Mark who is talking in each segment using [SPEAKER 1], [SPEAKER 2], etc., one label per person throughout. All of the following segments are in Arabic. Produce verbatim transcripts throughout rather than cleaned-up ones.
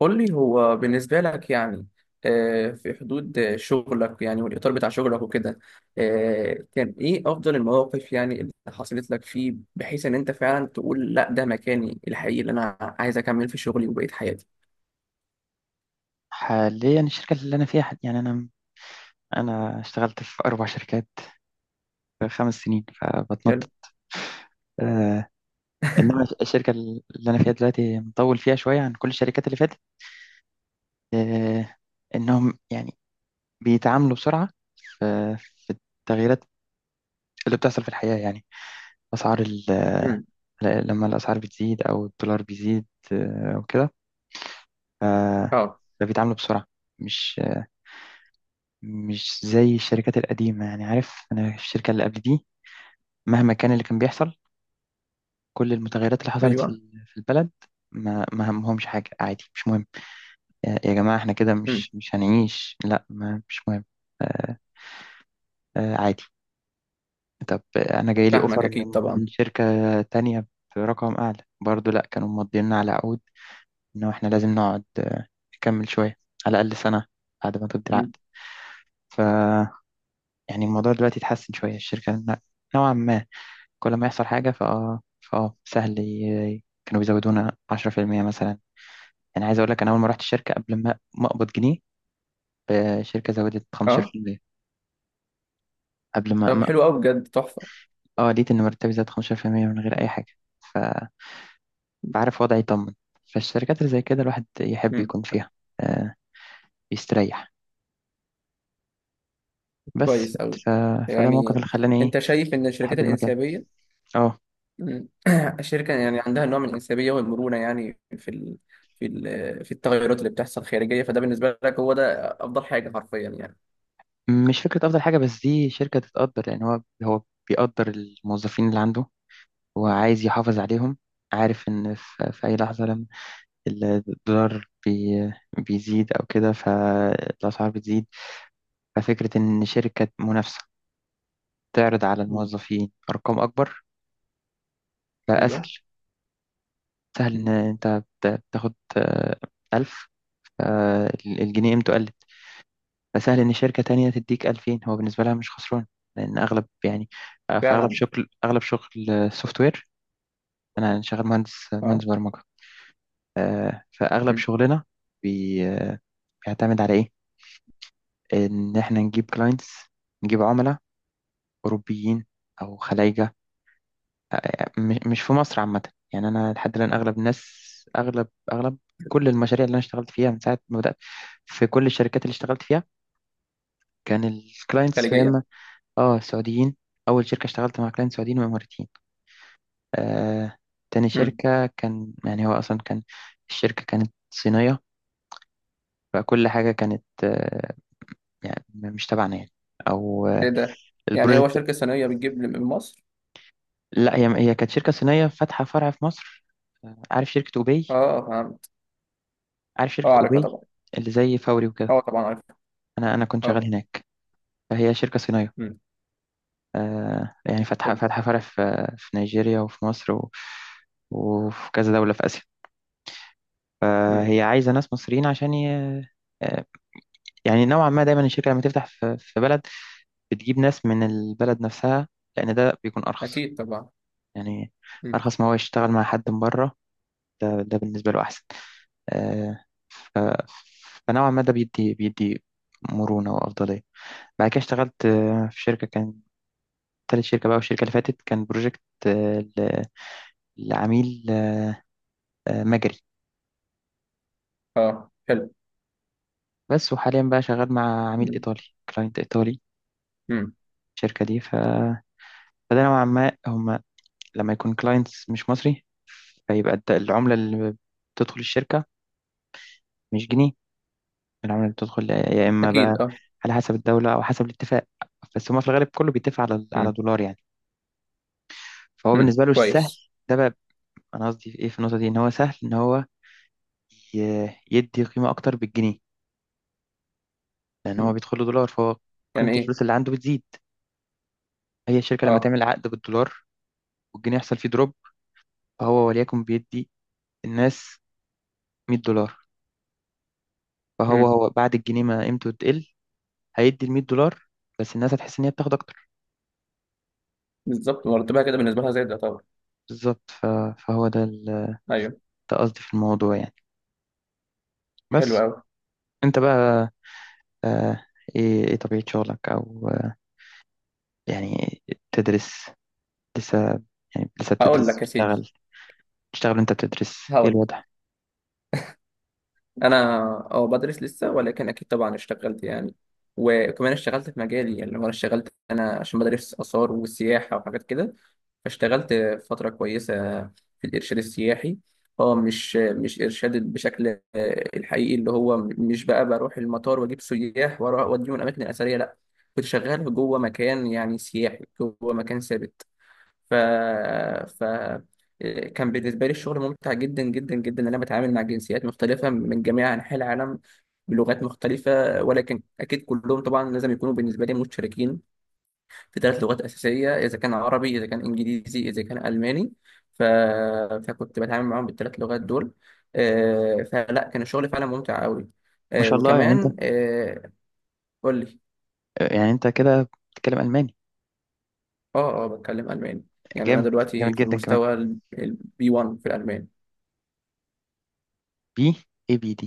[SPEAKER 1] قول لي هو بالنسبة لك يعني آه، في حدود آه، شغلك يعني والإطار بتاع شغلك وكده، آه، كان إيه أفضل المواقف يعني اللي حصلت لك فيه بحيث إن أنت فعلا تقول لا ده مكاني الحقيقي اللي أنا عايز أكمل في شغلي وبقية حياتي؟
[SPEAKER 2] حاليا الشركة اللي أنا فيها يعني أنا أنا اشتغلت في أربع شركات في خمس سنين فبتنطط.
[SPEAKER 1] حلو.
[SPEAKER 2] آه إنما الشركة اللي أنا فيها دلوقتي مطول فيها شوية عن كل الشركات اللي فاتت. آه إنهم يعني بيتعاملوا بسرعة في, في التغييرات اللي بتحصل في الحياة يعني أسعار ال
[SPEAKER 1] مم.
[SPEAKER 2] ل- لما الأسعار بتزيد أو الدولار بيزيد، آه، أو كده، ف-
[SPEAKER 1] أه.
[SPEAKER 2] فبيتعاملوا بسرعة، مش مش زي الشركات القديمة. يعني عارف أنا في الشركة اللي قبل دي مهما كان اللي كان بيحصل، كل المتغيرات اللي حصلت
[SPEAKER 1] أيوه.
[SPEAKER 2] في في البلد، ما ما همهمش حاجة. عادي، مش مهم. يا يا جماعة احنا كده
[SPEAKER 1] مم.
[SPEAKER 2] مش مش هنعيش، لا، ما مش مهم. آه آه، عادي. طب آه، انا جاي لي
[SPEAKER 1] فاهمك،
[SPEAKER 2] اوفر من
[SPEAKER 1] أكيد طبعا.
[SPEAKER 2] من شركة تانية برقم اعلى، برضو لا كانوا مضينا على عقود انه احنا لازم نقعد، آه، نكمل شوية على الاقل سنة بعد ما تبدي العقد.
[SPEAKER 1] مم.
[SPEAKER 2] ف يعني الموضوع دلوقتي اتحسن شوية. الشركة ن- نوعا ما كل ما يحصل حاجة فاه فاه سهل، ي- كانوا بيزودونا عشرة في المئة مثلا. يعني عايز اقول لك، انا اول ما رحت الشركه قبل ما ما اقبض جنيه، الشركه زودت
[SPEAKER 1] أه.
[SPEAKER 2] خمستاشر بالمية قبل ما,
[SPEAKER 1] طب
[SPEAKER 2] ما
[SPEAKER 1] حلو أوي، بجد تحفة.
[SPEAKER 2] اه لقيت ان مرتبي زاد خمسة عشر في المئة من غير اي حاجه. ف... فعارف وضعي يطمن. فالشركات اللي زي كده الواحد يحب
[SPEAKER 1] مم.
[SPEAKER 2] يكون فيها. آه يستريح بس.
[SPEAKER 1] كويس أوي.
[SPEAKER 2] ف... فده الموقف
[SPEAKER 1] يعني
[SPEAKER 2] اللي خلاني ايه،
[SPEAKER 1] أنت شايف إن الشركات
[SPEAKER 2] احب المكان.
[SPEAKER 1] الإنسيابية،
[SPEAKER 2] اه،
[SPEAKER 1] مم، الشركة يعني عندها نوع من الإنسيابية والمرونة يعني في ال... في ال... في التغيرات اللي بتحصل خارجية، فده بالنسبة لك هو ده أفضل حاجة حرفيا يعني؟
[SPEAKER 2] مش فكره افضل حاجه، بس دي شركه تتقدر. يعني هو هو بيقدر الموظفين اللي عنده، هو عايز يحافظ عليهم. عارف ان في, في اي لحظه الدولار بي بيزيد أو كده فالأسعار بتزيد. ففكرة إن شركة منافسة تعرض على
[SPEAKER 1] مم.
[SPEAKER 2] الموظفين أرقام أكبر فأسهل.
[SPEAKER 1] أيوه.
[SPEAKER 2] سهل إن
[SPEAKER 1] مم.
[SPEAKER 2] أنت بت- بتاخد آه، ألف، آه، الجنيه قيمته قلت، فسهل إن شركة تانية تديك ألفين. هو بالنسبة لها مش خسران، لأن أغلب يعني آه، في أغلب
[SPEAKER 1] فعلا.
[SPEAKER 2] شغل، أغلب شغل سوفت وير. أنا شغال مهندس
[SPEAKER 1] أه.
[SPEAKER 2] مهندس برمجة. آه، فأغلب
[SPEAKER 1] مم.
[SPEAKER 2] شغلنا بي- آه، بيعتمد على إيه؟ ان احنا نجيب كلاينتس، نجيب عملاء اوروبيين او خلايجه، م- مش في مصر عامه. يعني انا لحد الان اغلب الناس، اغلب اغلب كل المشاريع اللي انا اشتغلت فيها من ساعه ما بدات في كل الشركات اللي اشتغلت فيها، كان الكلاينتس يا
[SPEAKER 1] خارجية.
[SPEAKER 2] اما اه سعوديين. اول شركه اشتغلت مع كلاينت سعوديين واماراتيين. آه تاني
[SPEAKER 1] مم.
[SPEAKER 2] شركه كان، يعني هو اصلا كان الشركه كانت صينيه، فكل حاجه كانت آه يعني مش تبعنا يعني، او
[SPEAKER 1] إيه
[SPEAKER 2] آه،
[SPEAKER 1] ده؟ يعني هو
[SPEAKER 2] البروجكت.
[SPEAKER 1] شركة صينية بتجيب من مصر؟
[SPEAKER 2] لا، هي هي كانت شركة صينية فاتحة فرع في مصر. آه، عارف شركة أوباي؟
[SPEAKER 1] أه فهمت.
[SPEAKER 2] عارف
[SPEAKER 1] أه
[SPEAKER 2] شركة
[SPEAKER 1] عارفها
[SPEAKER 2] أوباي
[SPEAKER 1] طبعا.
[SPEAKER 2] اللي زي فوري وكده؟
[SPEAKER 1] أه طبعا عارفها.
[SPEAKER 2] أنا أنا كنت شغال
[SPEAKER 1] أه.
[SPEAKER 2] هناك. فهي شركة صينية،
[SPEAKER 1] مم.
[SPEAKER 2] آه يعني فاتحة
[SPEAKER 1] حلو.
[SPEAKER 2] فاتحة فرع في في نيجيريا وفي مصر و... وفي كذا دولة في آسيا.
[SPEAKER 1] مم.
[SPEAKER 2] فهي عايزة ناس مصريين عشان ي... آه، يعني نوعا ما دايما الشركة لما تفتح في في بلد بتجيب ناس من البلد نفسها، لأن ده بيكون أرخص
[SPEAKER 1] أكيد طبعا.
[SPEAKER 2] يعني.
[SPEAKER 1] مم.
[SPEAKER 2] أرخص ما هو يشتغل مع حد من بره، ده, ده بالنسبة له أحسن. آه، فنوعا ما ده بيدي بيدي مرونة وأفضلية. بعد كده اشتغلت آه، في شركة، كان تالت شركة بقى. والشركة اللي فاتت كان بروجكت آه، ل- لعميل آه، مجري
[SPEAKER 1] أه. حلو.
[SPEAKER 2] بس. وحاليا بقى شغال مع عميل
[SPEAKER 1] مم.
[SPEAKER 2] إيطالي، كلاينت إيطالي.
[SPEAKER 1] مم.
[SPEAKER 2] الشركة دي ف... فده نوعا ما هما، لما يكون كلاينتس مش مصري، فيبقى الد- العملة اللي بتدخل الشركة مش جنيه. العملة اللي بتدخل يا إما
[SPEAKER 1] أكيد
[SPEAKER 2] بقى
[SPEAKER 1] أه.
[SPEAKER 2] على حسب الدولة أو حسب الاتفاق، بس هما في الغالب كله بيتفق على على
[SPEAKER 1] مم.
[SPEAKER 2] دولار يعني. فهو
[SPEAKER 1] مم.
[SPEAKER 2] بالنسبة له سهل.
[SPEAKER 1] كويس.
[SPEAKER 2] ده بقى، انا قصدي في ايه في النقطه دي، ان هو سهل ان هو ي- يدي قيمه اكتر بالجنيه، لان هو
[SPEAKER 1] مم.
[SPEAKER 2] بيدخل له دولار، فهو
[SPEAKER 1] يعني
[SPEAKER 2] قيمه
[SPEAKER 1] إيه؟
[SPEAKER 2] الفلوس اللي عنده بتزيد. هي الشركه لما
[SPEAKER 1] أه.
[SPEAKER 2] تعمل عقد بالدولار والجنيه يحصل فيه دروب، فهو وليكن بيدي الناس مية دولار، فهو
[SPEAKER 1] مم.
[SPEAKER 2] هو بعد الجنيه ما قيمته تقل هيدي ال ميت دولار، بس الناس هتحس ان هي بتاخد اكتر.
[SPEAKER 1] بالظبط، مرتبها كده بالنسبة لها زي ده طبعا.
[SPEAKER 2] بالظبط. ف- فهو ده ال-
[SPEAKER 1] ايوه.
[SPEAKER 2] ده قصدي في الموضوع يعني.
[SPEAKER 1] حلو
[SPEAKER 2] بس
[SPEAKER 1] قوي.
[SPEAKER 2] انت بقى، آه، ايه ايه طبيعه شغلك او آه، يعني تدرس لسه؟ يعني لسه
[SPEAKER 1] هقول
[SPEAKER 2] بتدرس
[SPEAKER 1] لك يا سيدي.
[SPEAKER 2] بتشتغل؟ تشتغل وانت بتدرس؟ ايه
[SPEAKER 1] هقول لك.
[SPEAKER 2] الوضع؟
[SPEAKER 1] انا، اه بدرس لسه، ولكن اكيد طبعا اشتغلت يعني. وكمان اشتغلت في مجالي، يعني هو انا اشتغلت انا عشان بدرس اثار وسياحه وحاجات كده. فاشتغلت فتره كويسه في الارشاد السياحي. اه مش مش ارشاد بشكل آه، الحقيقي، اللي هو مش بقى بروح المطار واجيب سياح واروح اوديهم الاماكن الاثريه، لا، كنت شغال جوه مكان يعني سياحي، جوه مكان ثابت. ف ف كان بالنسبه لي الشغل ممتع جدا جدا جدا، ان انا بتعامل مع جنسيات مختلفه من جميع انحاء العالم بلغات مختلفه. ولكن اكيد كلهم طبعا لازم يكونوا بالنسبه لي مشتركين في ثلاث لغات اساسيه، اذا كان عربي، اذا كان انجليزي، اذا كان الماني. ف... فكنت بتعامل معاهم بالثلاث لغات دول. آه، فلا، كان الشغل فعلا ممتع قوي.
[SPEAKER 2] ما
[SPEAKER 1] آه،
[SPEAKER 2] شاء الله، يعني انت،
[SPEAKER 1] وكمان آه، قول لي.
[SPEAKER 2] يعني انت كده بتتكلم الماني؟
[SPEAKER 1] اه اه بتكلم الماني. يعني انا
[SPEAKER 2] جامد، جامد
[SPEAKER 1] دلوقتي في
[SPEAKER 2] جدا كمان.
[SPEAKER 1] المستوى البي واحد في الالماني.
[SPEAKER 2] بي اي بي دي،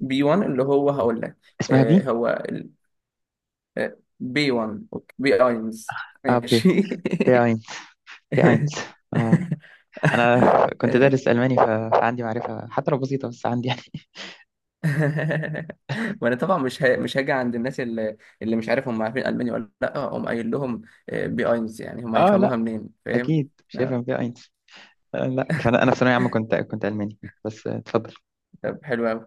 [SPEAKER 1] بي واحد اللي هو هقول لك
[SPEAKER 2] اسمها
[SPEAKER 1] آه،
[SPEAKER 2] بي،
[SPEAKER 1] هو ال- آه، بي واحد، أوكي. بي اينز.
[SPEAKER 2] اه بي،
[SPEAKER 1] ماشي.
[SPEAKER 2] بي اينز. بي اينز، اه. انا كنت
[SPEAKER 1] آه،
[SPEAKER 2] دارس الماني، ف- فعندي معرفه حتى لو بسيطه، بس عندي يعني
[SPEAKER 1] وانا طبعا مش ه... مش هاجي عند الناس اللي اللي مش عارف هم عارفين الماني ولا لا، اقوم قايل لهم آه، بي اينز، يعني هم
[SPEAKER 2] اه لا،
[SPEAKER 1] هيفهموها منين؟ فاهم.
[SPEAKER 2] اكيد مش
[SPEAKER 1] آه،
[SPEAKER 2] هيفهم بي اينز. آه لا، فانا انا في ثانويه عامه كنت كنت الماني، بس آه، اتفضل.
[SPEAKER 1] طب حلو قوي.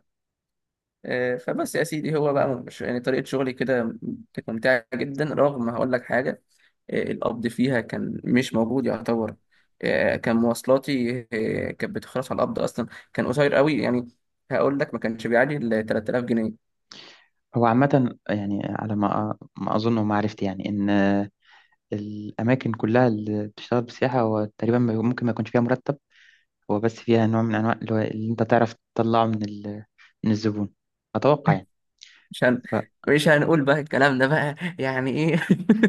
[SPEAKER 1] آه، فبس يا سيدي، هو بقى مش يعني طريقة شغلي كده كانت ممتعة جدا. رغم هقول لك حاجة، آه، القبض فيها كان مش موجود يعتبر. آه، كان مواصلاتي آه، كانت بتخلص على القبض أصلا. كان قصير قوي يعني. هقول لك ما كانش بيعدي ال تلات آلاف جنيه.
[SPEAKER 2] هو عامه يعني على ما ما اظن ومعرفتي يعني، ان آه، الاماكن كلها اللي بتشتغل بالسياحه هو تقريبا ما- ممكن ما يكونش فيها مرتب، هو بس فيها نوع من أنواع اللي هو اللي أنت تعرف تطلعه من ال... من الزبون، أتوقع يعني.
[SPEAKER 1] مش هن... مش هنقول بقى الكلام ده بقى يعني إيه.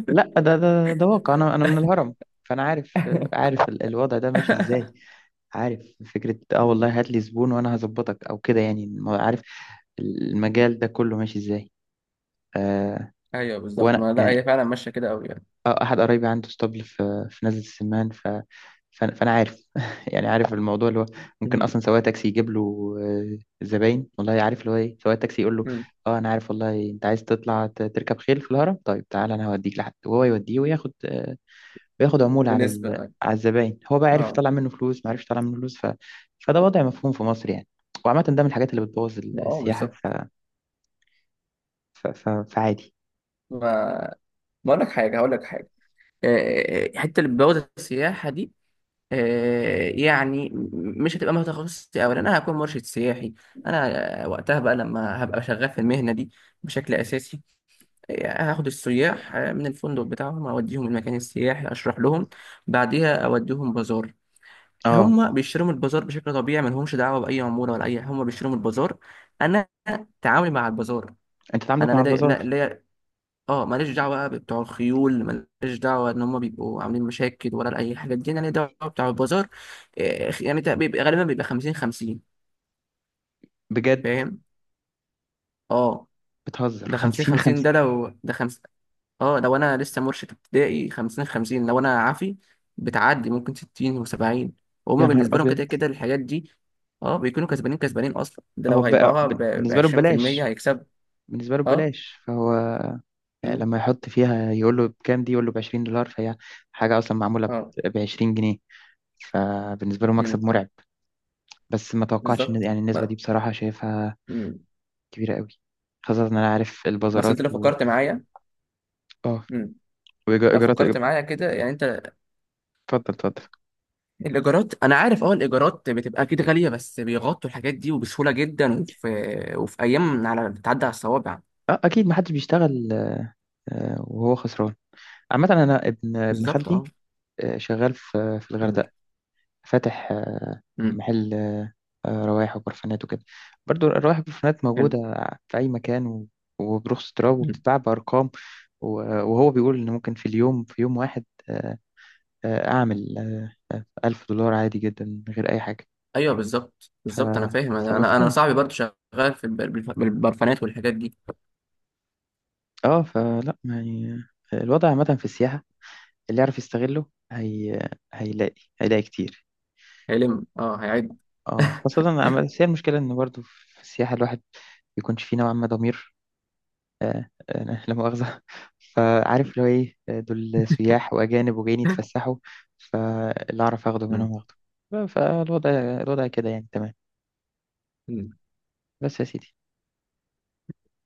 [SPEAKER 2] فلا، ده ده ده واقع. أنا أنا من الهرم، فأنا عارف، عارف ال- الوضع ده ماشي إزاي. عارف فكرة آه
[SPEAKER 1] مم.
[SPEAKER 2] والله هات لي زبون وأنا هظبطك أو كده يعني، ما- عارف
[SPEAKER 1] مم.
[SPEAKER 2] المجال ده كله ماشي إزاي. آه
[SPEAKER 1] ايوه بالظبط.
[SPEAKER 2] وأنا
[SPEAKER 1] ما لا،
[SPEAKER 2] يعني،
[SPEAKER 1] هي فعلا ماشيه كده قوي يعني.
[SPEAKER 2] آه، أحد قرايبي عنده اسطبل في في نزلة السمان، ف... فأنا فأنا عارف يعني، عارف الموضوع اللي هو ممكن
[SPEAKER 1] مم.
[SPEAKER 2] أصلا سواق تاكسي يجيب له، آه، زباين. والله عارف اللي هو إيه، سواق تاكسي يقول له
[SPEAKER 1] مم.
[SPEAKER 2] أه، أنا عارف والله، أنت عايز تطلع ت- تركب خيل في الهرم؟ طيب تعالى أنا هوديك لحد، وهو يوديه وياخد آه، وياخد عمولة على
[SPEAKER 1] ونسبه.
[SPEAKER 2] ال...
[SPEAKER 1] اه.
[SPEAKER 2] على الزباين. هو بقى عرف
[SPEAKER 1] اه.
[SPEAKER 2] يطلع منه فلوس، ما عرفش يطلع منه فلوس. ف... فده وضع مفهوم في مصر يعني، وعامة ده من الحاجات اللي بتبوظ
[SPEAKER 1] آه،
[SPEAKER 2] السياحة.
[SPEAKER 1] بالظبط.
[SPEAKER 2] ف... ف... ف... فعادي.
[SPEAKER 1] ما ما اقول لك حاجه، هقول لك حاجه. آه، حته اللي بوابه السياحه دي آه، يعني، م- مش هتبقى مهنه تخصصي، اولا انا هكون مرشد سياحي. انا آه، وقتها بقى لما هبقى شغال في المهنه دي بشكل اساسي، آه، هاخد السياح آه، من الفندق بتاعهم، اوديهم المكان السياحي، اشرح لهم، بعديها اوديهم بازار.
[SPEAKER 2] أه،
[SPEAKER 1] هم بيشتروا من البازار بشكل طبيعي، ما لهمش دعوه باي عموله ولا اي. هم بيشتروا من البازار. انا تعاملي مع البازار.
[SPEAKER 2] أنت
[SPEAKER 1] انا
[SPEAKER 2] تعاملك مع
[SPEAKER 1] لدي لا-
[SPEAKER 2] البازار
[SPEAKER 1] ليا. اه ماليش دعوه بقى بتوع الخيول، ماليش دعوه ان هم بيبقوا عاملين مشاكل ولا اي حاجه. دي انا ليا دعوه بتوع البازار. آه، يعني تق- بيبقى غالبا بيبقى خمسين خمسين.
[SPEAKER 2] بجد؟
[SPEAKER 1] فاهم. اه.
[SPEAKER 2] بتهزر!
[SPEAKER 1] ده خمسين
[SPEAKER 2] خمسين
[SPEAKER 1] خمسين،
[SPEAKER 2] خمسين؟
[SPEAKER 1] ده لو ده خمس. اه لو انا لسه مرشد ابتدائي خمسين خمسين، لو انا عافي بتعدي ممكن ستين و70. وهم
[SPEAKER 2] يا نهار
[SPEAKER 1] بالنسبه لهم
[SPEAKER 2] أبيض!
[SPEAKER 1] كده كده الحاجات دي. اه، بيكونوا كسبانين كسبانين اصلا. ده
[SPEAKER 2] هو
[SPEAKER 1] لو
[SPEAKER 2] بقى
[SPEAKER 1] هيبيعوها ب
[SPEAKER 2] بالنسبة له
[SPEAKER 1] عشرين في المية
[SPEAKER 2] ببلاش،
[SPEAKER 1] هيكسب.
[SPEAKER 2] بالنسبة له
[SPEAKER 1] اه.
[SPEAKER 2] ببلاش، فهو
[SPEAKER 1] مم.
[SPEAKER 2] لما يحط فيها يقول له بكام دي، يقول له ب عشرين دولار، فهي حاجة أصلا معمولة
[SPEAKER 1] اه.
[SPEAKER 2] ب عشرين جنيه، فبالنسبة له مكسب
[SPEAKER 1] مم.
[SPEAKER 2] مرعب. بس ما توقعتش إن
[SPEAKER 1] بالظبط
[SPEAKER 2] يعني
[SPEAKER 1] ب-
[SPEAKER 2] النسبة دي بصراحة شايفها
[SPEAKER 1] مم.
[SPEAKER 2] كبيرة قوي، خاصة إن أنا عارف
[SPEAKER 1] بس
[SPEAKER 2] البازارات
[SPEAKER 1] انت لو
[SPEAKER 2] و
[SPEAKER 1] فكرت معايا،
[SPEAKER 2] آه
[SPEAKER 1] لو
[SPEAKER 2] وإيجارات.
[SPEAKER 1] فكرت
[SPEAKER 2] اتفضل،
[SPEAKER 1] معايا كده يعني انت،
[SPEAKER 2] اتفضل.
[SPEAKER 1] الايجارات، انا عارف اه الايجارات بتبقى اكيد غاليه، بس بيغطوا الحاجات دي وبسهوله جدا. وفي وفي ايام على بتعدي على الصوابع.
[SPEAKER 2] آه أكيد، ما حدش بيشتغل آه، وهو خسران. عامة، أنا ابن ابن
[SPEAKER 1] بالظبط اه.
[SPEAKER 2] خالتي آه، شغال في في
[SPEAKER 1] مم.
[SPEAKER 2] الغردقة، فاتح آه،
[SPEAKER 1] مم.
[SPEAKER 2] محل آه، آه، روايح وبرفانات وكده. برضو الروايح والبرفانات
[SPEAKER 1] حلو.
[SPEAKER 2] موجودة في أي مكان، و- وبرخص تراب
[SPEAKER 1] مم.
[SPEAKER 2] وبتتباع بأرقام، و- وهو بيقول إن ممكن في اليوم، في يوم واحد، آه، آه، أعمل آه، آه، ألف دولار عادي جدا من غير أي حاجة.
[SPEAKER 1] ايوه بالظبط
[SPEAKER 2] ف...
[SPEAKER 1] بالظبط انا فاهم. انا انا أنا
[SPEAKER 2] فمفهوم.
[SPEAKER 1] صاحبي برضه شغال في البر- بالبرفانات والحاجات دي.
[SPEAKER 2] اه، فلا يعني، آه، الوضع عامة في السياحة اللي يعرف يستغله هي... هيلاقي هيلاقي كتير.
[SPEAKER 1] هيلم اه هيعد.
[SPEAKER 2] اه، خاصة عم- بس هي المشكلة إن برضو في السياحة الواحد بيكونش فيه نوعا ما ضمير، آه، آه، لا مؤاخذة. فعارف اللي هو إيه، آه، دول سياح وأجانب وجايين يتفسحوا، فاللي أعرف أخده منهم أخده. ف- فالوضع الوضع كده يعني تمام.
[SPEAKER 1] مم.
[SPEAKER 2] بس يا سيدي.